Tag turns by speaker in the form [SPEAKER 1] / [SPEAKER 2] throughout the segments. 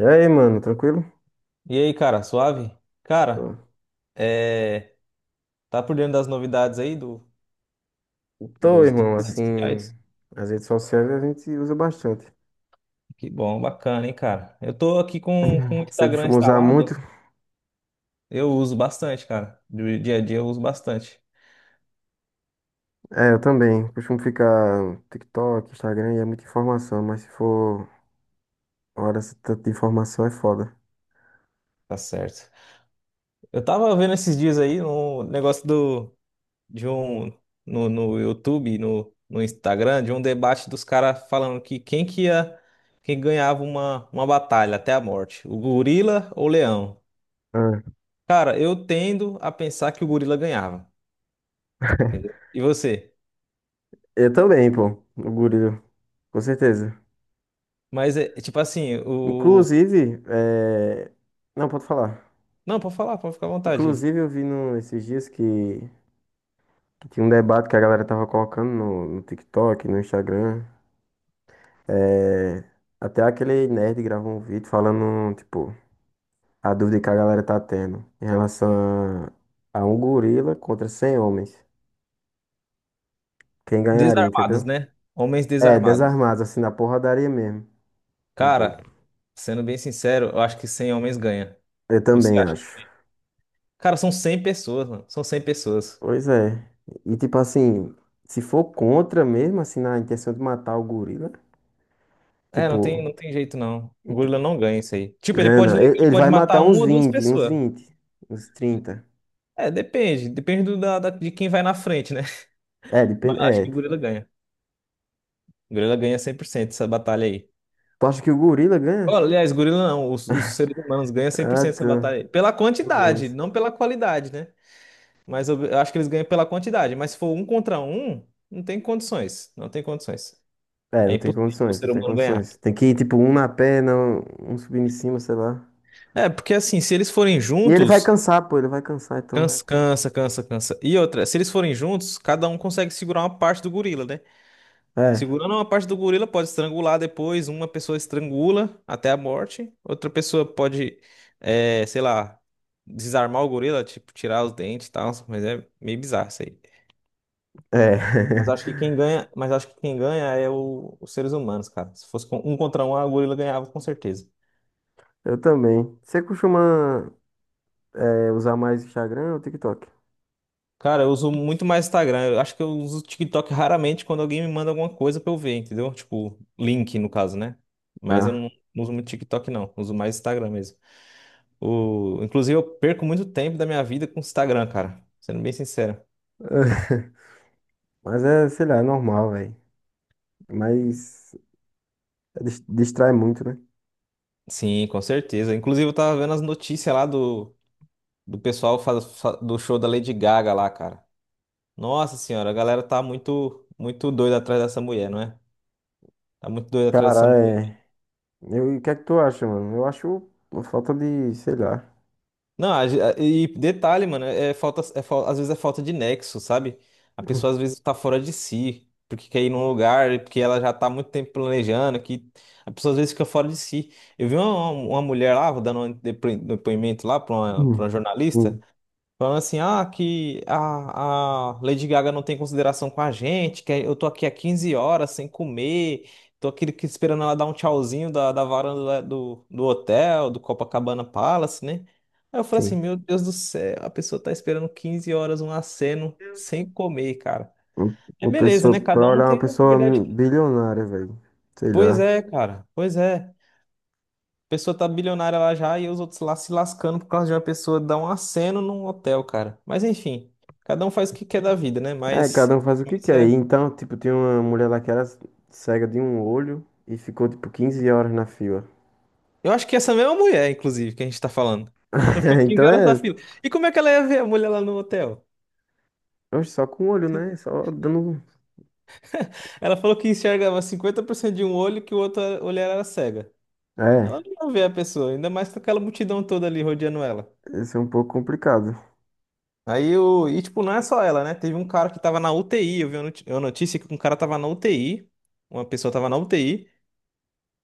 [SPEAKER 1] E aí, mano, tranquilo?
[SPEAKER 2] E aí, cara, suave?
[SPEAKER 1] Tô.
[SPEAKER 2] Cara, é... tá por dentro das novidades aí do,
[SPEAKER 1] Tô,
[SPEAKER 2] dos, dos
[SPEAKER 1] irmão,
[SPEAKER 2] das redes
[SPEAKER 1] assim,
[SPEAKER 2] sociais?
[SPEAKER 1] as redes sociais a gente usa bastante.
[SPEAKER 2] Que bom, bacana, hein, cara? Eu tô aqui com o
[SPEAKER 1] Você
[SPEAKER 2] Instagram
[SPEAKER 1] costuma usar
[SPEAKER 2] instalado,
[SPEAKER 1] muito?
[SPEAKER 2] eu uso bastante, cara. Do dia a dia eu uso bastante.
[SPEAKER 1] É, eu também. Costumo ficar no TikTok, Instagram, e é muita informação, mas se for hora esse tanto de informação é foda.
[SPEAKER 2] Tá certo. Eu tava vendo esses dias aí um negócio de um, no YouTube, no Instagram, de um debate dos caras falando quem ganhava uma batalha até a morte, o gorila ou o leão?
[SPEAKER 1] Ah.
[SPEAKER 2] Cara, eu tendo a pensar que o gorila ganhava, entendeu? E você?
[SPEAKER 1] Eu também, pô, o gorila, com certeza.
[SPEAKER 2] Mas é tipo assim, o.
[SPEAKER 1] Inclusive, não, pode falar.
[SPEAKER 2] Não, pode falar, pode ficar à vontade.
[SPEAKER 1] Inclusive, eu vi no, esses dias que tinha um debate que a galera tava colocando no TikTok, no Instagram. É, até aquele nerd gravou um vídeo falando, tipo, a dúvida que a galera tá tendo em relação a um gorila contra 100 homens. Quem ganharia,
[SPEAKER 2] Desarmados,
[SPEAKER 1] entendeu?
[SPEAKER 2] né? Homens
[SPEAKER 1] É,
[SPEAKER 2] desarmados.
[SPEAKER 1] desarmados, assim, na porradaria mesmo, os dois.
[SPEAKER 2] Cara, sendo bem sincero, eu acho que 100 homens ganha.
[SPEAKER 1] Eu
[SPEAKER 2] Você
[SPEAKER 1] também
[SPEAKER 2] acha?
[SPEAKER 1] acho.
[SPEAKER 2] Cara, são 100 pessoas, mano. São 100 pessoas.
[SPEAKER 1] Pois é. E, tipo, assim, se for contra mesmo, assim, na intenção de matar o gorila,
[SPEAKER 2] É, não tem,
[SPEAKER 1] tipo,
[SPEAKER 2] não tem jeito não. O
[SPEAKER 1] ent-
[SPEAKER 2] gorila não ganha isso aí. Tipo, ele
[SPEAKER 1] ganha
[SPEAKER 2] pode,
[SPEAKER 1] não. Ele,
[SPEAKER 2] ele
[SPEAKER 1] ele
[SPEAKER 2] pode
[SPEAKER 1] vai matar
[SPEAKER 2] matar uma
[SPEAKER 1] uns
[SPEAKER 2] ou duas
[SPEAKER 1] 20
[SPEAKER 2] pessoas.
[SPEAKER 1] uns trinta.
[SPEAKER 2] É, depende. Depende de quem vai na frente, né?
[SPEAKER 1] É,
[SPEAKER 2] Mas
[SPEAKER 1] depende.
[SPEAKER 2] acho que
[SPEAKER 1] É.
[SPEAKER 2] o gorila ganha. O gorila ganha 100% essa batalha aí.
[SPEAKER 1] Tu acha que o gorila ganha?
[SPEAKER 2] Olha, aliás, gorila não, os seres humanos ganham cem por
[SPEAKER 1] Ah,
[SPEAKER 2] cento essa batalha
[SPEAKER 1] tá.
[SPEAKER 2] aí. Pela
[SPEAKER 1] Os
[SPEAKER 2] quantidade,
[SPEAKER 1] homens.
[SPEAKER 2] não pela qualidade, né? Mas eu acho que eles ganham pela quantidade. Mas se for um contra um, não tem condições. Não tem condições.
[SPEAKER 1] É,
[SPEAKER 2] É
[SPEAKER 1] não tem
[SPEAKER 2] impossível o
[SPEAKER 1] condições,
[SPEAKER 2] ser
[SPEAKER 1] não tem
[SPEAKER 2] humano ganhar.
[SPEAKER 1] condições. Tem que ir, tipo, um na perna, um subindo em cima, sei lá.
[SPEAKER 2] É, porque assim, se eles forem
[SPEAKER 1] E ele vai
[SPEAKER 2] juntos,
[SPEAKER 1] cansar, pô, ele vai cansar, então.
[SPEAKER 2] cansa, cansa, cansa, cansa. E outra, se eles forem juntos, cada um consegue segurar uma parte do gorila, né?
[SPEAKER 1] É,
[SPEAKER 2] Segurando uma parte do gorila pode estrangular depois, uma pessoa estrangula até a morte, outra pessoa pode, é, sei lá, desarmar o gorila, tipo, tirar os dentes e tal, mas é meio bizarro isso aí.
[SPEAKER 1] é.
[SPEAKER 2] Mas acho que quem ganha, mas acho que quem ganha é os seres humanos, cara. Se fosse um contra um, a gorila ganhava com certeza.
[SPEAKER 1] Eu também. Você costuma, usar mais Instagram ou TikTok?
[SPEAKER 2] Cara, eu uso muito mais Instagram. Eu acho que eu uso o TikTok raramente quando alguém me manda alguma coisa pra eu ver, entendeu? Tipo, link no caso, né? Mas eu
[SPEAKER 1] Ah.
[SPEAKER 2] não uso muito TikTok, não. Uso mais Instagram mesmo. Inclusive, eu perco muito tempo da minha vida com o Instagram, cara. Sendo bem sincero.
[SPEAKER 1] Mas é, sei lá, é normal, velho. Mas é distrai muito, né?
[SPEAKER 2] Sim, com certeza. Inclusive, eu tava vendo as notícias lá do, do pessoal faz- fa- do show da Lady Gaga lá, cara. Nossa senhora, a galera tá muito, muito doida atrás dessa mulher, não é? Tá muito doida atrás dessa
[SPEAKER 1] Cara,
[SPEAKER 2] mulher.
[SPEAKER 1] é. Eu, e o que é que tu acha, mano? Eu acho uma falta de, sei lá.
[SPEAKER 2] Não, e detalhe, mano, é falta, às vezes é falta de nexo, sabe? A pessoa às vezes tá fora de si, porque quer ir num lugar, porque ela já tá há muito tempo planejando, que a pessoa às vezes fica fora de si. Eu vi uma mulher lá, vou dando um depoimento lá pra uma
[SPEAKER 1] Hum.
[SPEAKER 2] jornalista,
[SPEAKER 1] Hum.
[SPEAKER 2] falando assim, ah, que a Lady Gaga não tem consideração com a gente, que é, eu tô aqui há 15 horas sem comer, tô aqui esperando ela dar um tchauzinho da varanda lá do hotel, do Copacabana Palace, né? Aí eu falei assim,
[SPEAKER 1] Sim.
[SPEAKER 2] meu Deus do céu, a pessoa tá esperando 15 horas um aceno sem comer, cara.
[SPEAKER 1] Um.
[SPEAKER 2] É
[SPEAKER 1] Uma
[SPEAKER 2] beleza,
[SPEAKER 1] pessoa,
[SPEAKER 2] né? Cada
[SPEAKER 1] pra
[SPEAKER 2] um
[SPEAKER 1] olhar uma
[SPEAKER 2] tem a
[SPEAKER 1] pessoa
[SPEAKER 2] liberdade.
[SPEAKER 1] bilionária, velho. Sei
[SPEAKER 2] Pois
[SPEAKER 1] lá.
[SPEAKER 2] é, cara, pois é. Pessoa tá bilionária lá já e os outros lá se lascando por causa de uma pessoa dar um aceno num hotel, cara. Mas enfim, cada um faz o que quer da vida, né?
[SPEAKER 1] É,
[SPEAKER 2] Mas
[SPEAKER 1] cada um faz o que
[SPEAKER 2] isso
[SPEAKER 1] quer. E
[SPEAKER 2] é...
[SPEAKER 1] então, tipo, tinha uma mulher lá que era cega de um olho e ficou, tipo, 15 horas na fila.
[SPEAKER 2] Eu acho que essa mesma mulher, inclusive, que a gente tá falando. Ela ficou quinze
[SPEAKER 1] Então
[SPEAKER 2] horas na
[SPEAKER 1] é.
[SPEAKER 2] fila. E como é que ela ia ver a mulher lá no hotel?
[SPEAKER 1] Oxe, só com o olho, né? Só dando um.
[SPEAKER 2] Ela falou que enxergava 50% de um olho e que o outro olho era cega. Ela
[SPEAKER 1] É,
[SPEAKER 2] não ia ver a pessoa, ainda mais com aquela multidão toda ali rodeando ela.
[SPEAKER 1] esse é um pouco complicado.
[SPEAKER 2] Aí o. E tipo, não é só ela, né? Teve um cara que tava na UTI. Eu vi uma uma notícia que um cara tava na UTI. Uma pessoa tava na UTI.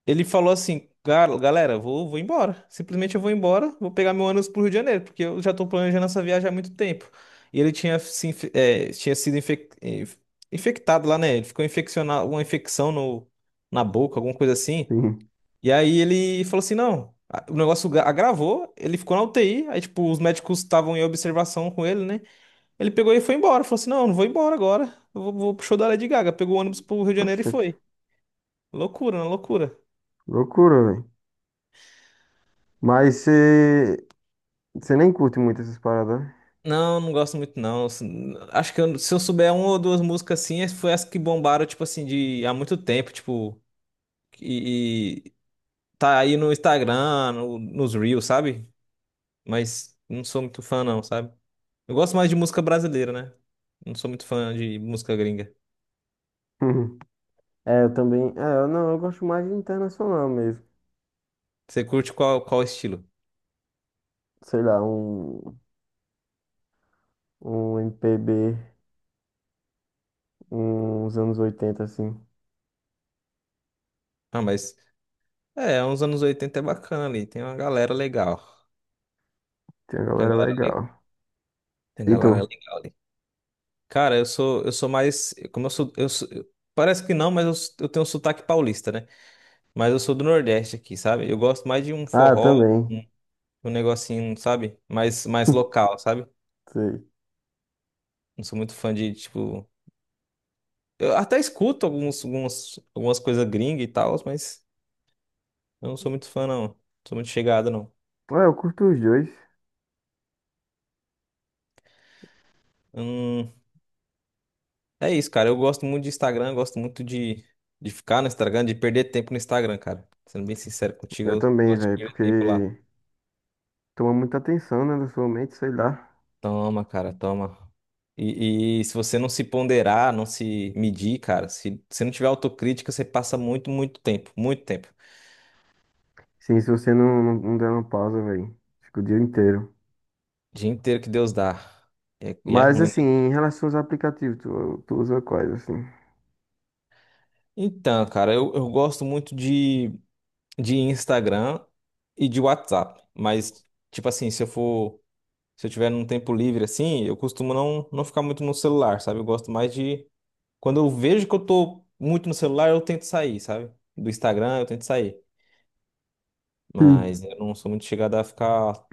[SPEAKER 2] Ele falou assim, galera, vou embora. Simplesmente eu vou embora, vou pegar meu ônibus pro Rio de Janeiro, porque eu já tô planejando essa viagem há muito tempo. E ele tinha, se, inf- eh, tinha sido infectado lá, né? Ele ficou infeccionado, uma infecção no, na boca, alguma coisa assim.
[SPEAKER 1] Sim.
[SPEAKER 2] E aí ele falou assim, não, o negócio agravou, ele ficou na UTI, aí tipo, os médicos estavam em observação com ele, né? Ele pegou e foi embora, falou assim, não, eu não vou embora agora, eu vou pro show da Lady Gaga. Pegou o ônibus pro Rio de Janeiro e
[SPEAKER 1] Oxente.
[SPEAKER 2] foi. Loucura, né? Loucura.
[SPEAKER 1] Loucura, velho. Mas você. Você nem curte muito essas paradas, né?
[SPEAKER 2] Não, não gosto muito não. Acho que se eu souber uma ou duas músicas assim, foi as que bombaram, tipo assim, de há muito tempo, tipo, e tá aí no Instagram, nos Reels, sabe? Mas não sou muito fã não, sabe? Eu gosto mais de música brasileira, né? Não sou muito fã de música gringa.
[SPEAKER 1] É, eu também. É, eu não, eu gosto mais de internacional mesmo.
[SPEAKER 2] Você curte qual estilo?
[SPEAKER 1] Sei lá, um. Um MPB. Uns anos 80 assim.
[SPEAKER 2] Ah, mas é, uns anos 80 é bacana ali, tem uma galera legal.
[SPEAKER 1] Tem uma
[SPEAKER 2] Tem
[SPEAKER 1] galera
[SPEAKER 2] uma
[SPEAKER 1] é
[SPEAKER 2] galera, le-
[SPEAKER 1] legal.
[SPEAKER 2] tem uma
[SPEAKER 1] E
[SPEAKER 2] galera
[SPEAKER 1] tu?
[SPEAKER 2] legal. Cara, eu sou mais. Como eu sou, eu sou- eu- parece que não, mas eu tenho um sotaque paulista, né? Mas eu sou do Nordeste aqui, sabe? Eu gosto mais de um
[SPEAKER 1] Ah,
[SPEAKER 2] forró,
[SPEAKER 1] também.
[SPEAKER 2] um, um negocinho, sabe? Mais local, sabe?
[SPEAKER 1] Sei.
[SPEAKER 2] Não sou muito fã de, tipo. Eu até escuto algumas coisas gringas e tal, mas eu não sou muito fã, não. Não sou muito chegado, não.
[SPEAKER 1] Ah, eu curto os dois.
[SPEAKER 2] Hum, É isso, cara. Eu gosto muito de Instagram, eu gosto muito de ficar no Instagram, de perder tempo no Instagram, cara. Sendo bem sincero contigo,
[SPEAKER 1] Eu
[SPEAKER 2] eu
[SPEAKER 1] também,
[SPEAKER 2] gosto de
[SPEAKER 1] velho,
[SPEAKER 2] perder
[SPEAKER 1] porque
[SPEAKER 2] tempo lá.
[SPEAKER 1] toma muita atenção, né, da sua mente, sei lá.
[SPEAKER 2] Toma, cara, toma. E se você não se ponderar, não se medir, cara, se você não tiver autocrítica, você passa muito, muito tempo, muito tempo.
[SPEAKER 1] Sim, se você não der uma pausa, velho, fica o dia inteiro.
[SPEAKER 2] Dia inteiro que Deus dá. E é
[SPEAKER 1] Mas,
[SPEAKER 2] ruim,
[SPEAKER 1] assim,
[SPEAKER 2] né?
[SPEAKER 1] em relação aos aplicativos, tu usa quais, assim?
[SPEAKER 2] Então, cara, eu gosto muito de Instagram e de WhatsApp. Mas, tipo assim, se eu for, se eu tiver num tempo livre assim, eu costumo não ficar muito no celular, sabe? Eu gosto mais de. Quando eu vejo que eu tô muito no celular, eu tento sair, sabe? Do Instagram, eu tento sair.
[SPEAKER 1] Sim.
[SPEAKER 2] Mas eu não sou muito chegado a ficar.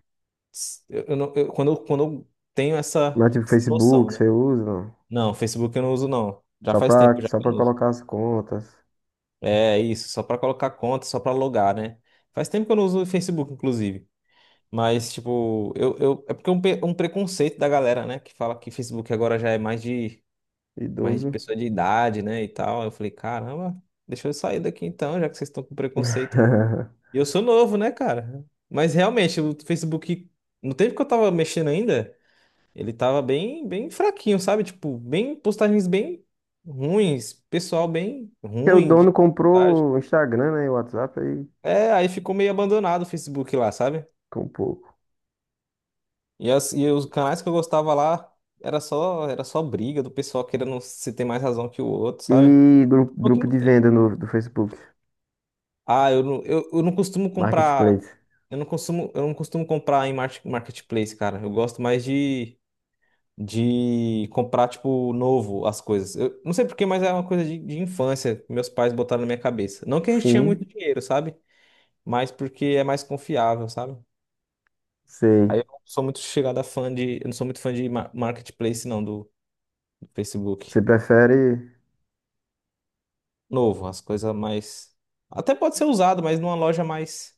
[SPEAKER 2] Eu não, eu- quando, eu- quando eu tenho essa
[SPEAKER 1] Mas, tipo,
[SPEAKER 2] noção,
[SPEAKER 1] Facebook,
[SPEAKER 2] né?
[SPEAKER 1] você usa? Não?
[SPEAKER 2] Não, Facebook eu não uso, não. Já
[SPEAKER 1] Só
[SPEAKER 2] faz tempo
[SPEAKER 1] pra,
[SPEAKER 2] já
[SPEAKER 1] só
[SPEAKER 2] que eu
[SPEAKER 1] pra
[SPEAKER 2] não uso.
[SPEAKER 1] colocar as contas.
[SPEAKER 2] É isso, só pra colocar conta, só pra logar, né? Faz tempo que eu não uso o Facebook, inclusive. Mas, tipo, é porque é um preconceito da galera, né? Que fala que Facebook agora já é mais de
[SPEAKER 1] Idoso.
[SPEAKER 2] pessoa de idade, né? E tal. Eu falei, caramba, deixa eu sair daqui então, já que vocês estão com preconceito. E eu sou novo, né, cara? Mas realmente, o Facebook, no tempo que eu tava mexendo ainda, ele tava bem, bem fraquinho, sabe? Tipo, bem postagens bem ruins, pessoal bem
[SPEAKER 1] Porque o
[SPEAKER 2] ruim de
[SPEAKER 1] dono
[SPEAKER 2] postagem.
[SPEAKER 1] comprou o Instagram, né, e o WhatsApp, aí
[SPEAKER 2] É, aí ficou meio abandonado o Facebook lá, sabe?
[SPEAKER 1] comprou.
[SPEAKER 2] E e os canais que eu gostava lá era só briga do pessoal querendo se ter mais razão que o outro, sabe?
[SPEAKER 1] E grupo,
[SPEAKER 2] O que
[SPEAKER 1] grupo
[SPEAKER 2] não
[SPEAKER 1] de
[SPEAKER 2] tem.
[SPEAKER 1] venda no, do Facebook.
[SPEAKER 2] Ah, eu não costumo comprar.
[SPEAKER 1] Marketplace.
[SPEAKER 2] Eu não costumo comprar em marketplace, cara. Eu gosto mais de comprar, tipo, novo as coisas. Eu não sei por quê, mas é uma coisa de infância que meus pais botaram na minha cabeça. Não que a gente tinha muito
[SPEAKER 1] Sim,
[SPEAKER 2] dinheiro, sabe? Mas porque é mais confiável, sabe?
[SPEAKER 1] sei.
[SPEAKER 2] Aí eu não sou muito chegada fã de. Eu não sou muito fã de marketplace, não, do Facebook.
[SPEAKER 1] Você prefere
[SPEAKER 2] Novo, as coisas mais. Até pode ser usado, mas numa loja mais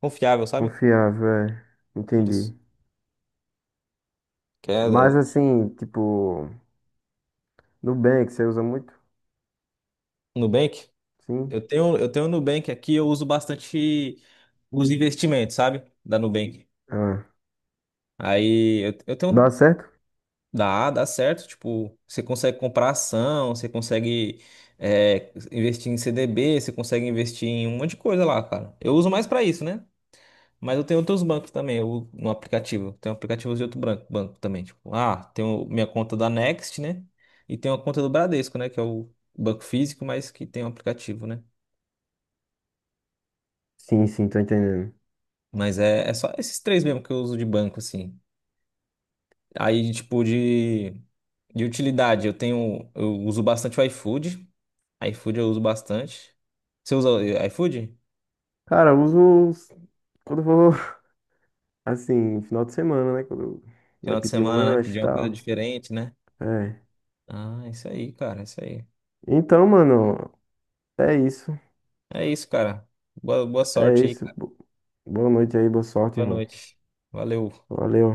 [SPEAKER 2] confiável, sabe?
[SPEAKER 1] confiável, é. Entendi.
[SPEAKER 2] Isso. Que é
[SPEAKER 1] Mas
[SPEAKER 2] é,
[SPEAKER 1] assim, tipo, Nubank, você usa muito?
[SPEAKER 2] Nubank.
[SPEAKER 1] Sim.
[SPEAKER 2] Eu tenho o Nubank aqui, eu uso bastante os investimentos, sabe? Da Nubank.
[SPEAKER 1] Ah,
[SPEAKER 2] Aí eu
[SPEAKER 1] dá
[SPEAKER 2] tenho
[SPEAKER 1] certo?
[SPEAKER 2] Dá, dá certo. Tipo, você consegue comprar ação, você consegue investir em CDB, você consegue investir em um monte de coisa lá, cara. Eu uso mais pra isso, né? Mas eu tenho outros bancos também, eu, no aplicativo. Tenho aplicativos de outro banco também. Tipo, ah, tenho minha conta da Next, né? E tenho a conta do Bradesco, né? Que é o banco físico, mas que tem um aplicativo, né?
[SPEAKER 1] Sim, sim, tô entendendo.
[SPEAKER 2] Mas é só esses três mesmo que eu uso de banco, assim. Aí, tipo, de utilidade, eu uso bastante o iFood. iFood eu uso bastante. Você usa o iFood?
[SPEAKER 1] Cara, quando eu vou, assim, final de semana, né? Quando vai
[SPEAKER 2] Final de
[SPEAKER 1] pedir um
[SPEAKER 2] semana, né?
[SPEAKER 1] lanche e
[SPEAKER 2] Pedir uma coisa
[SPEAKER 1] tal.
[SPEAKER 2] diferente, né?
[SPEAKER 1] É.
[SPEAKER 2] Ah, isso aí, cara, isso aí.
[SPEAKER 1] Então, mano, é isso.
[SPEAKER 2] É isso, cara. Boa, boa
[SPEAKER 1] É
[SPEAKER 2] sorte aí,
[SPEAKER 1] isso.
[SPEAKER 2] cara.
[SPEAKER 1] Boa noite aí, boa sorte,
[SPEAKER 2] Boa
[SPEAKER 1] irmão.
[SPEAKER 2] noite. Valeu.
[SPEAKER 1] Valeu.